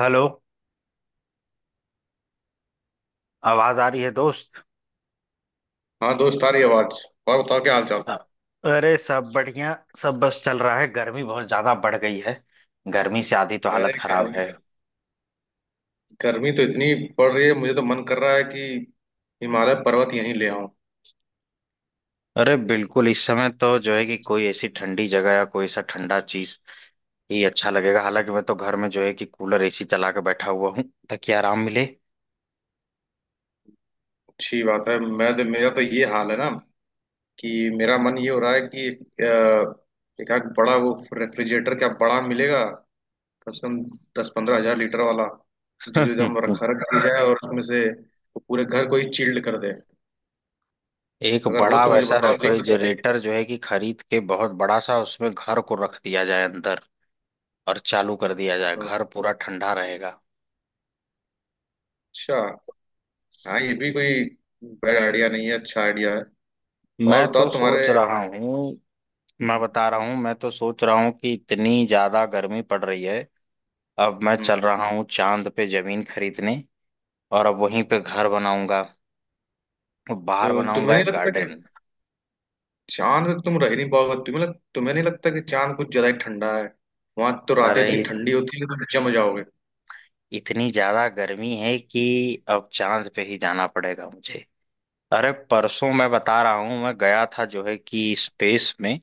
Hello. आवाज आ रही है दोस्त? हाँ दोस्त, आ रही आवाज। और बताओ, क्या हाल चाल। अ- अरे सब बढ़िया। सब बस चल रहा है, गर्मी बहुत ज्यादा बढ़ गई है। गर्मी से आधी तो यार हालत ये खराब गर्मी, है। गर्मी तो इतनी पड़ रही है, मुझे तो मन कर रहा है कि हिमालय पर्वत यहीं ले आऊं। अरे बिल्कुल, इस समय तो जो है कि कोई ऐसी ठंडी जगह या कोई ऐसा ठंडा चीज ही अच्छा लगेगा। हालांकि मैं तो घर में जो है कि कूलर एसी चला के बैठा हुआ हूँ ताकि आराम मिले। अच्छी बात है। मैं तो, मेरा तो ये हाल है ना कि मेरा मन ये हो रहा है कि एक आध बड़ा वो रेफ्रिजरेटर, क्या बड़ा मिलेगा कम से कम 10-15 हजार लीटर वाला, जिसको एकदम रखा रखा जाए और उसमें से वो पूरे घर को ही चिल्ड कर दे। एक अगर हो बड़ा तो मुझे वैसा बताओ, लिख दो। रेफ्रिजरेटर जो है कि खरीद के, बहुत बड़ा सा, उसमें घर को रख दिया जाए अंदर और चालू कर दिया जाए, घर पूरा ठंडा रहेगा। अच्छा। हाँ, ये भी कोई बैड आइडिया नहीं है, अच्छा आइडिया है। मैं और बताओ तो तुम्हारे। सोच रहा हूँ। मैं हम्म। बता रहा हूँ, मैं तो सोच रहा हूँ कि इतनी ज्यादा गर्मी पड़ रही है, अब मैं हम्म। चल रहा हूँ चांद पे जमीन खरीदने और अब वहीं पे घर बनाऊंगा और बाहर तो तुम्हें बनाऊंगा नहीं एक लगता कि गार्डन। चांद पे तुम रह नहीं पाओगे? तुम्हें नहीं लगता कि चांद कुछ ज्यादा ही ठंडा है? वहां तो रातें अरे इतनी ठंडी होती है कि तुम जम जाओगे। इतनी ज्यादा गर्मी है कि अब चांद पे ही जाना पड़ेगा मुझे। अरे परसों मैं बता रहा हूँ, मैं गया था जो है कि स्पेस में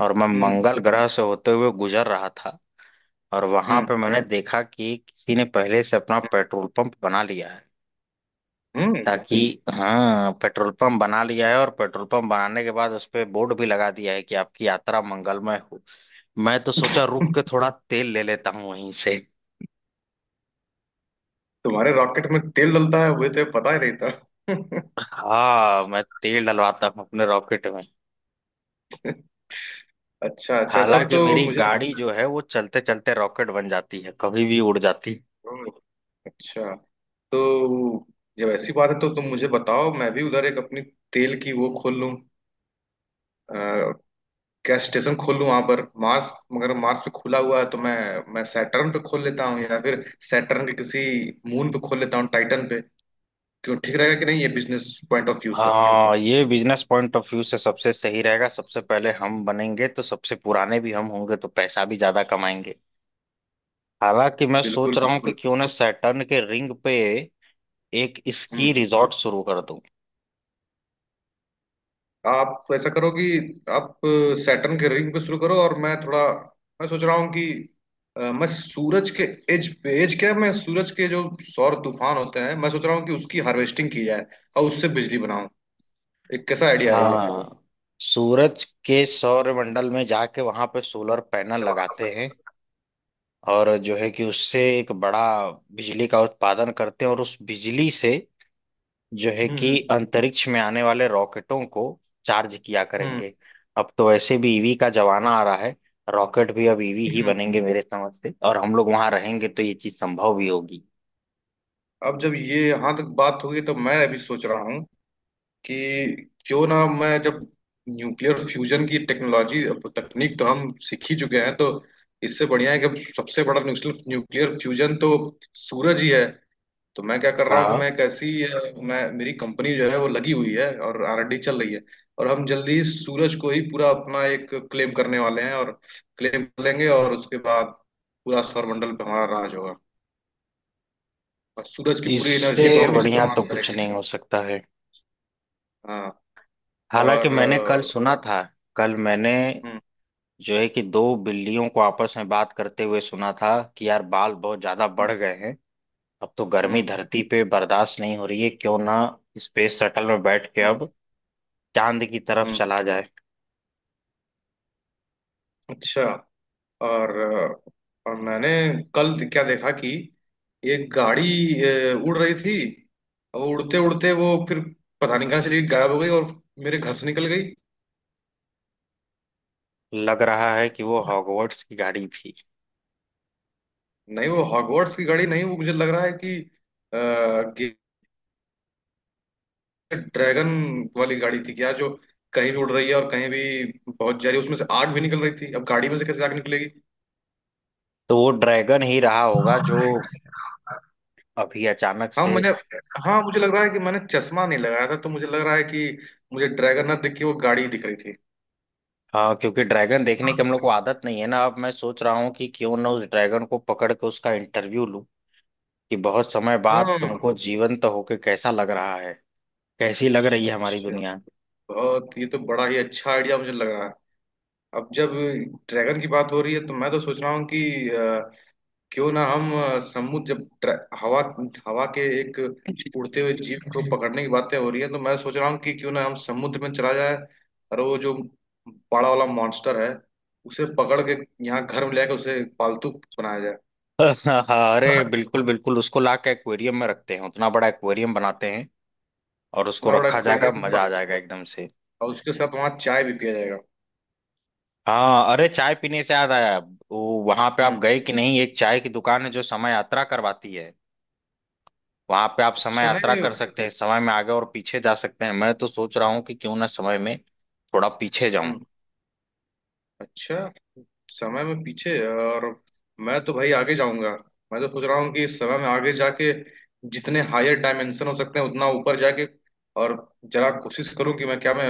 और मैं हम्म मंगल ग्रह से होते हुए गुजर रहा था और वहां हम्म पे मैंने देखा कि किसी ने पहले से अपना पेट्रोल पंप बना लिया है। हम्म हम्म। ताकि, हाँ, पेट्रोल पंप बना लिया है और पेट्रोल पंप बनाने के बाद उस पे बोर्ड भी लगा दिया है कि आपकी यात्रा मंगलमय हो। मैं तो सोचा रुक के थोड़ा तेल ले लेता हूँ वहीं से। तुम्हारे रॉकेट में तेल डलता है, वो तो पता ही नहीं था। हाँ, मैं तेल डलवाता हूँ अपने रॉकेट में। अच्छा अच्छा, तब हालांकि तो मेरी मुझे गाड़ी लगा। जो है वो चलते चलते रॉकेट बन जाती है, कभी भी उड़ जाती है। ओह। अच्छा। तो जब ऐसी बात है तो तुम मुझे बताओ, मैं भी उधर एक अपनी तेल की वो खोल लूं, क्या स्टेशन खोल लूं वहां पर मार्स, मगर मार्स पे खुला हुआ है तो मैं सैटर्न पे खोल लेता हूँ, या फिर सैटर्न के किसी मून पे खोल लेता हूँ, टाइटन पे। क्यों, ठीक रहेगा कि नहीं ये बिजनेस पॉइंट ऑफ व्यू से? हाँ, ये बिजनेस पॉइंट ऑफ व्यू से सबसे सही रहेगा। सबसे पहले हम बनेंगे तो सबसे पुराने भी हम होंगे तो पैसा भी ज्यादा कमाएंगे। हालांकि मैं बिल्कुल सोच रहा हूँ कि बिल्कुल। क्यों ना सैटर्न के रिंग पे एक स्की हम्म। रिजॉर्ट शुरू कर दूं। आप ऐसा करो कि आप सैटर्न के रिंग पे शुरू करो, और मैं थोड़ा, मैं सोच रहा हूँ कि मैं सूरज के एज पे, एज क्या, मैं सूरज के जो सौर तूफान होते हैं, मैं सोच रहा हूँ कि उसकी हार्वेस्टिंग की जाए और उससे बिजली बनाऊं। एक कैसा आइडिया हाँ है ये? हाँ, सूरज के सौरमंडल में जाके वहां पे सोलर पैनल वहां। लगाते हैं और जो है कि उससे एक बड़ा बिजली का उत्पादन करते हैं और उस बिजली से जो है कि हम्म अंतरिक्ष में आने वाले रॉकेटों को चार्ज किया हम्म करेंगे। अब तो वैसे भी ईवी का जमाना आ रहा है। रॉकेट भी अब ईवी ही हम्म। बनेंगे मेरे समझ से, और हम लोग वहां रहेंगे तो ये चीज संभव भी होगी। अब जब ये यहाँ तक बात होगी तो मैं अभी सोच रहा हूँ कि क्यों ना मैं, जब न्यूक्लियर फ्यूजन की टेक्नोलॉजी, अब तकनीक तो हम सीख ही चुके हैं, तो इससे बढ़िया है कि अब सबसे बड़ा न्यूक्लियर, न्यूक्लियर फ्यूजन तो सूरज ही है। तो मैं क्या कर रहा हूँ कि हाँ, मैं एक ऐसी, मैं, मेरी कंपनी जो है वो लगी हुई है और आरएनडी चल रही है। और हम जल्दी ही सूरज को ही पूरा अपना एक क्लेम करने वाले हैं, और क्लेम कर लेंगे, और उसके बाद पूरा सौरमंडल पे हमारा राज होगा, और सूरज की पूरी इससे एनर्जी को हम बढ़िया तो इस्तेमाल कुछ करेंगे। नहीं हो सकता है। हाँ। हालांकि और मैंने कल सुना था, कल मैंने हम्म जो है कि दो बिल्लियों को आपस में बात करते हुए सुना था कि यार बाल बहुत ज्यादा बढ़ हम्म गए हैं, अब तो गर्मी हम्म धरती पे बर्दाश्त नहीं हो रही है, क्यों ना स्पेस शटल में बैठ के हम्म, अब चांद की तरफ हम्म, चला जाए। अच्छा। और मैंने कल क्या देखा कि एक गाड़ी, उड़ रही थी। वो उड़ते उड़ते वो फिर पता नहीं कहाँ चली गई, गायब हो गई और मेरे घर से निकल गई। लग रहा है कि वो हॉगवर्ट्स की गाड़ी थी। नहीं, वो हॉगवर्ट्स की गाड़ी नहीं, वो मुझे लग रहा है कि आ, ड्रैगन वाली गाड़ी थी क्या, जो कहीं भी उड़ रही है और कहीं भी पहुंच जा रही है, उसमें से आग भी निकल रही थी। अब गाड़ी में से कैसे आग निकलेगी। तो वो ड्रैगन ही रहा होगा जो अभी अचानक हाँ से। मैंने, हाँ मुझे लग रहा है कि मैंने चश्मा नहीं लगाया था, तो मुझे लग रहा है कि मुझे ड्रैगन ना दिख के वो गाड़ी दिख रही थी। हाँ, क्योंकि ड्रैगन देखने की हम लोग को आदत नहीं है ना। अब मैं सोच रहा हूँ कि क्यों ना उस ड्रैगन को पकड़ के उसका इंटरव्यू लूं कि बहुत समय बाद हम्म। तुमको जीवंत होके कैसा लग रहा है, कैसी लग रही है हमारी अच्छा। दुनिया। बहुत, ये तो बड़ा ही अच्छा आइडिया मुझे लग रहा है। अब जब ड्रैगन की बात हो रही है तो मैं तो सोच रहा हूँ कि क्यों ना हम हवा, हवा के एक उड़ते हुए जीव को पकड़ने की बातें हो रही है, तो मैं सोच रहा हूँ कि क्यों ना हम समुद्र में चला जाए, और वो जो बड़ा वाला मॉन्स्टर है उसे पकड़ के यहाँ घर में लेकर उसे पालतू बनाया जाए। हाँ, अरे बिल्कुल बिल्कुल, उसको ला के एक्वेरियम में रखते हैं, उतना बड़ा एक्वेरियम बनाते हैं और उसको इतना बड़ा रखा जाएगा, aquarium मजा आ जाएगा एकदम से। और उसके साथ वहाँ चाय भी पिया जाएगा। हाँ, अरे चाय पीने से याद आया, वो वहां पे आप हम्म। गए कि नहीं, एक चाय की दुकान है जो समय यात्रा करवाती है। वहां पे आप समय अच्छा यात्रा नहीं नहीं। कर सकते हैं, समय में आगे और पीछे जा सकते हैं। मैं तो सोच रहा हूँ कि क्यों ना समय में थोड़ा पीछे जाऊं। हम्म। अच्छा, समय में पीछे है, और मैं तो भाई आगे जाऊंगा। मैं तो सोच रहा हूँ कि समय में आगे जाके जितने हायर डायमेंशन हो सकते हैं उतना ऊपर जाके, और जरा कोशिश करूँ कि मैं, क्या मैं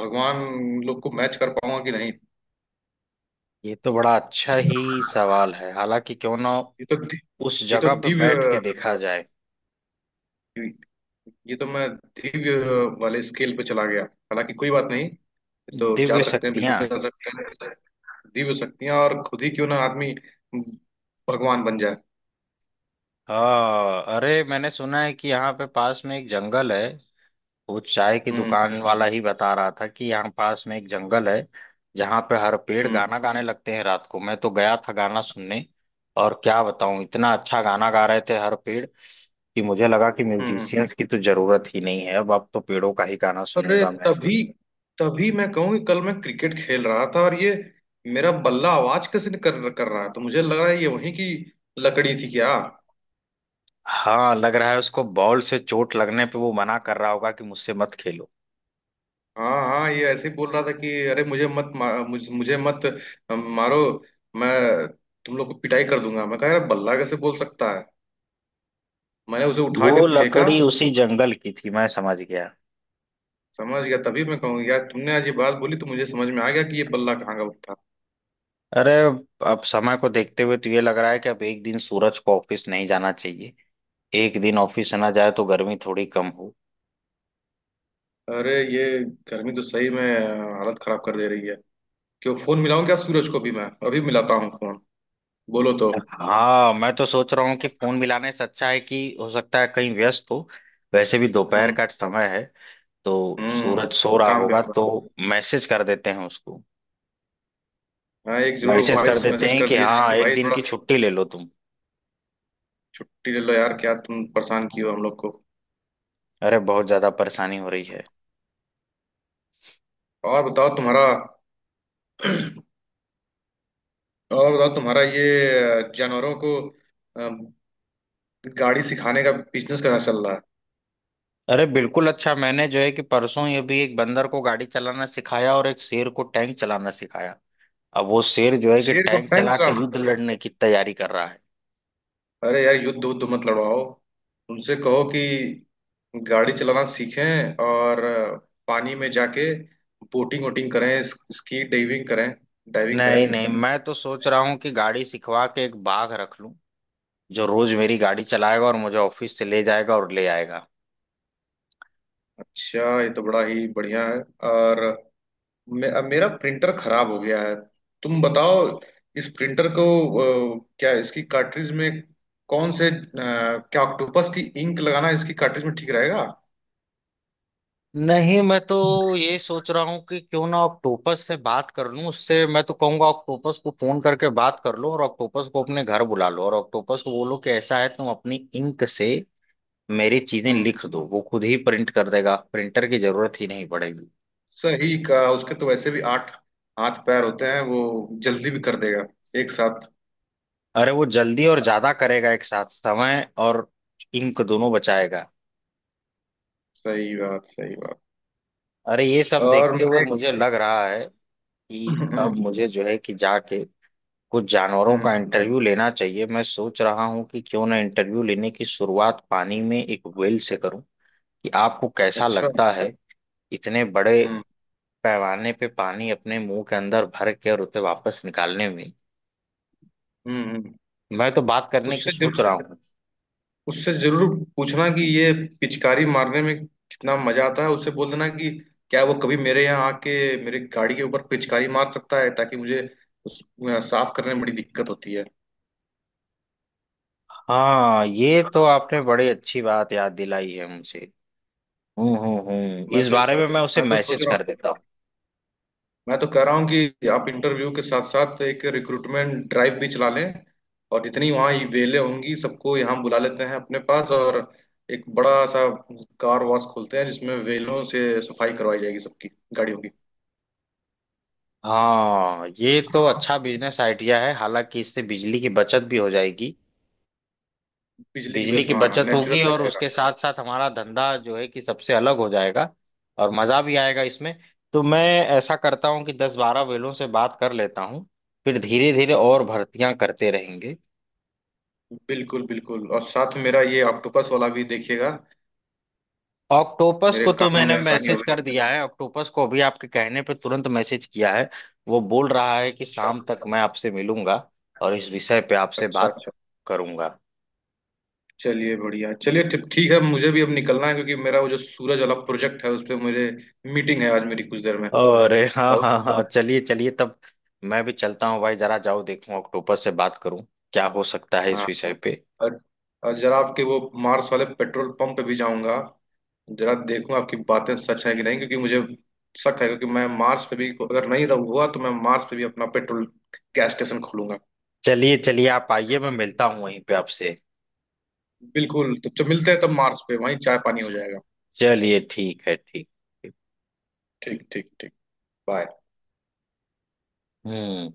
भगवान लोग को मैच कर पाऊंगा कि नहीं। ये तो बड़ा अच्छा ही सवाल है। हालांकि क्यों ना ये तो दि- उस ये तो जगह पर दिव्य बैठ के देखा जाए। ये तो मैं दिव्य वाले स्केल पे चला गया। हालांकि कोई बात नहीं, ये तो जा दिव्य सकते हैं, शक्तियां। बिल्कुल जा सकते हैं। दीव शक्तियां, और खुद ही क्यों ना आदमी भगवान बन जाए। हाँ, अरे मैंने सुना है कि यहाँ पे पास में एक जंगल है। वो चाय की हम्म दुकान वाला ही बता रहा था कि यहाँ पास में एक जंगल है जहाँ पे हर पेड़ हम्म गाना गाने लगते हैं रात को। मैं तो गया था गाना सुनने, और क्या बताऊं, इतना अच्छा गाना गा रहे थे हर पेड़ कि मुझे लगा कि हम्म। म्यूजिशियंस की तो जरूरत ही नहीं है अब तो पेड़ों का ही गाना अरे सुनूंगा मैं। तभी तभी मैं कहूँ कि कल मैं क्रिकेट खेल रहा था, और ये मेरा बल्ला आवाज कैसे कर कर रहा है, तो मुझे लग रहा है ये वहीं की लकड़ी थी क्या। हाँ, लग रहा है उसको बॉल से चोट लगने पे वो मना कर रहा होगा कि मुझसे मत खेलो। हाँ हाँ, ये ऐसे ही बोल रहा था कि अरे मुझे मत मुझे मत मारो। मैं तुम लोग को पिटाई कर दूंगा। मैं कहा यार, बल्ला कैसे बोल सकता है। मैंने उसे उठा के वो फेंका। लकड़ी उसी जंगल की थी, मैं समझ गया। समझ गया, तभी मैं कहूँ यार तुमने आज ये बात बोली तो मुझे समझ में आ गया कि ये बल्ला कहाँ का था। अरे अब समय को देखते हुए तो ये लग रहा है कि अब एक दिन सूरज को ऑफिस नहीं जाना चाहिए। एक दिन ऑफिस ना जाए तो गर्मी थोड़ी कम हो। अरे ये गर्मी तो सही में हालत खराब कर दे रही है। क्यों, फोन मिलाऊं क्या सूरज को भी? मैं अभी मिलाता हूँ फोन, बोलो तो। हाँ, मैं तो सोच रहा हूँ कि फोन मिलाने से अच्छा है कि, हो सकता है कहीं व्यस्त हो, वैसे भी दोपहर हम्म। का समय है तो हम्म। सूरज सो रहा काम पे होगा, होगा। तो मैसेज कर देते हैं उसको। हाँ, एक जरूर मैसेज कर वॉइस देते मैसेज हैं कर कि दिया जाए हाँ कि एक भाई दिन थोड़ा की छुट्टी ले लो तुम। छुट्टी ले लो यार, क्या तुम परेशान किए हो हम लोग को। अरे बहुत ज्यादा परेशानी हो रही है। और बताओ तुम्हारा और बताओ तुम्हारा ये जानवरों को अम, गाड़ी सिखाने का बिजनेस कैसा चल रहा है। अरे बिल्कुल, अच्छा मैंने जो है कि परसों ये भी एक बंदर को गाड़ी चलाना सिखाया और एक शेर को टैंक चलाना सिखाया। अब वो शेर जो है कि शेर को टैंक टैंक चला के चलाना? युद्ध लड़ने की तैयारी कर रहा है। अरे यार, युद्ध उद्ध मत लड़वाओ, उनसे कहो कि गाड़ी चलाना सीखें और पानी में जाके बोटिंग वोटिंग करें, स्की डाइविंग करें, डाइविंग करें नहीं नहीं, मैं तो सोच रहा हूँ कि गाड़ी सिखवा के एक बाघ रख लूं जो रोज मेरी गाड़ी चलाएगा और मुझे ऑफिस से ले जाएगा और ले आएगा। अच्छा, ये तो बड़ा ही बढ़िया है। और अब मेरा प्रिंटर खराब हो गया है, तुम बताओ, इस प्रिंटर को, क्या इसकी कार्ट्रिज में, कौन से, क्या ऑक्टोपस की इंक लगाना इसकी कार्ट्रिज में ठीक रहेगा। नहीं, मैं तो ये सोच रहा हूँ कि क्यों ना ऑक्टोपस से बात कर लूं। उससे मैं तो कहूंगा, ऑक्टोपस को फोन करके बात कर लो और ऑक्टोपस को अपने घर बुला लो और ऑक्टोपस को बोलो कि ऐसा है तुम अपनी इंक से मेरी चीजें हम्म। लिख दो, वो खुद ही प्रिंट कर देगा, प्रिंटर की जरूरत ही नहीं पड़ेगी। सही कहा, उसके तो वैसे भी आठ हाथ पैर होते हैं, वो जल्दी भी कर देगा एक साथ। अरे वो जल्दी और ज्यादा करेगा एक साथ, समय और इंक दोनों बचाएगा। सही बात, सही बात। अरे ये सब और देखते हुए मैंने मुझे लग रहा है कि अब हम्म मुझे जो है कि जाके कुछ जानवरों हम्म, का इंटरव्यू लेना चाहिए। मैं सोच रहा हूँ कि क्यों ना इंटरव्यू लेने की शुरुआत पानी में एक व्हेल से करूँ कि आपको कैसा अच्छा। लगता है इतने बड़े हम्म पैमाने पे पानी अपने मुंह के अंदर भर के और उसे वापस निकालने में। हम्म हम्म। मैं तो बात करने की उससे सोच जरूर, रहा हूँ। उससे जरूर पूछना कि ये पिचकारी मारने में कितना मजा आता है। उससे बोल देना कि क्या वो कभी मेरे यहाँ आके मेरी गाड़ी के ऊपर पिचकारी मार सकता है, ताकि मुझे उस साफ करने में बड़ी दिक्कत होती है। हाँ, ये तो आपने बड़ी अच्छी बात याद दिलाई है मुझे। हम्म, मैं इस तो बारे इस, में मैं उसे मैं तो सोच मैसेज रहा कर हूँ, देता हूँ। मैं तो कह रहा हूँ कि आप इंटरव्यू के साथ साथ एक रिक्रूटमेंट ड्राइव भी चला लें, और जितनी वहाँ ये वेलें होंगी सबको यहाँ बुला लेते हैं अपने पास, और एक बड़ा सा कार वॉश खोलते हैं जिसमें वेलों से सफाई करवाई जाएगी सबकी गाड़ियों की। हाँ, ये तो अच्छा बिजनेस आइडिया है। हालांकि इससे बिजली की बचत भी हो जाएगी। बिजली की बिजली बिल, की हाँ, बचत नेचुरल होगी भी और रहेगा। उसके साथ साथ हमारा धंधा जो है कि सबसे अलग हो जाएगा, और मजा भी आएगा इसमें। तो मैं ऐसा करता हूँ कि 10-12 वेलों से बात कर लेता हूँ, फिर धीरे धीरे और भर्तियां करते रहेंगे। बिल्कुल बिल्कुल, और साथ में मेरा ये ऑक्टोपस वाला भी देखिएगा, ऑक्टोपस मेरे को तो काम मैंने में आसानी मैसेज होगी। कर दिया है, ऑक्टोपस को अभी आपके कहने पे तुरंत मैसेज किया है। वो बोल रहा है कि अच्छा, शाम तक मैं आपसे मिलूंगा और इस विषय पे आपसे अच्छा, बात अच्छा। करूंगा। चलिए बढ़िया, चलिए ठीक, ठीक है, मुझे भी अब निकलना है, क्योंकि मेरा वो जो सूरज वाला प्रोजेक्ट है, उस पर मुझे मीटिंग है आज मेरी कुछ देर में। अरे हाँ और हाँ हाँ, चलिए चलिए तब, मैं भी चलता हूँ भाई, जरा जाओ देखूं ऑक्टोपस से बात करूं क्या हो सकता है इस हाँ, विषय पे। और, और जरा आपके वो मार्स वाले पेट्रोल पंप पे भी जाऊंगा, जरा देखूंगा आपकी बातें सच है कि नहीं, क्योंकि मुझे शक है, क्योंकि मैं मार्स पे भी, अगर नहीं रहूंगा तो मैं मार्स पे भी अपना पेट्रोल गैस स्टेशन खोलूंगा। चलिए चलिए, आप आइए, मैं मिलता हूँ वहीं पे आपसे। बिल्कुल, तो मिलते हैं तब मार्स पे, वहीं चाय पानी हो जाएगा। चलिए ठीक है, ठीक। ठीक ठीक ठीक। बाय। हम्म।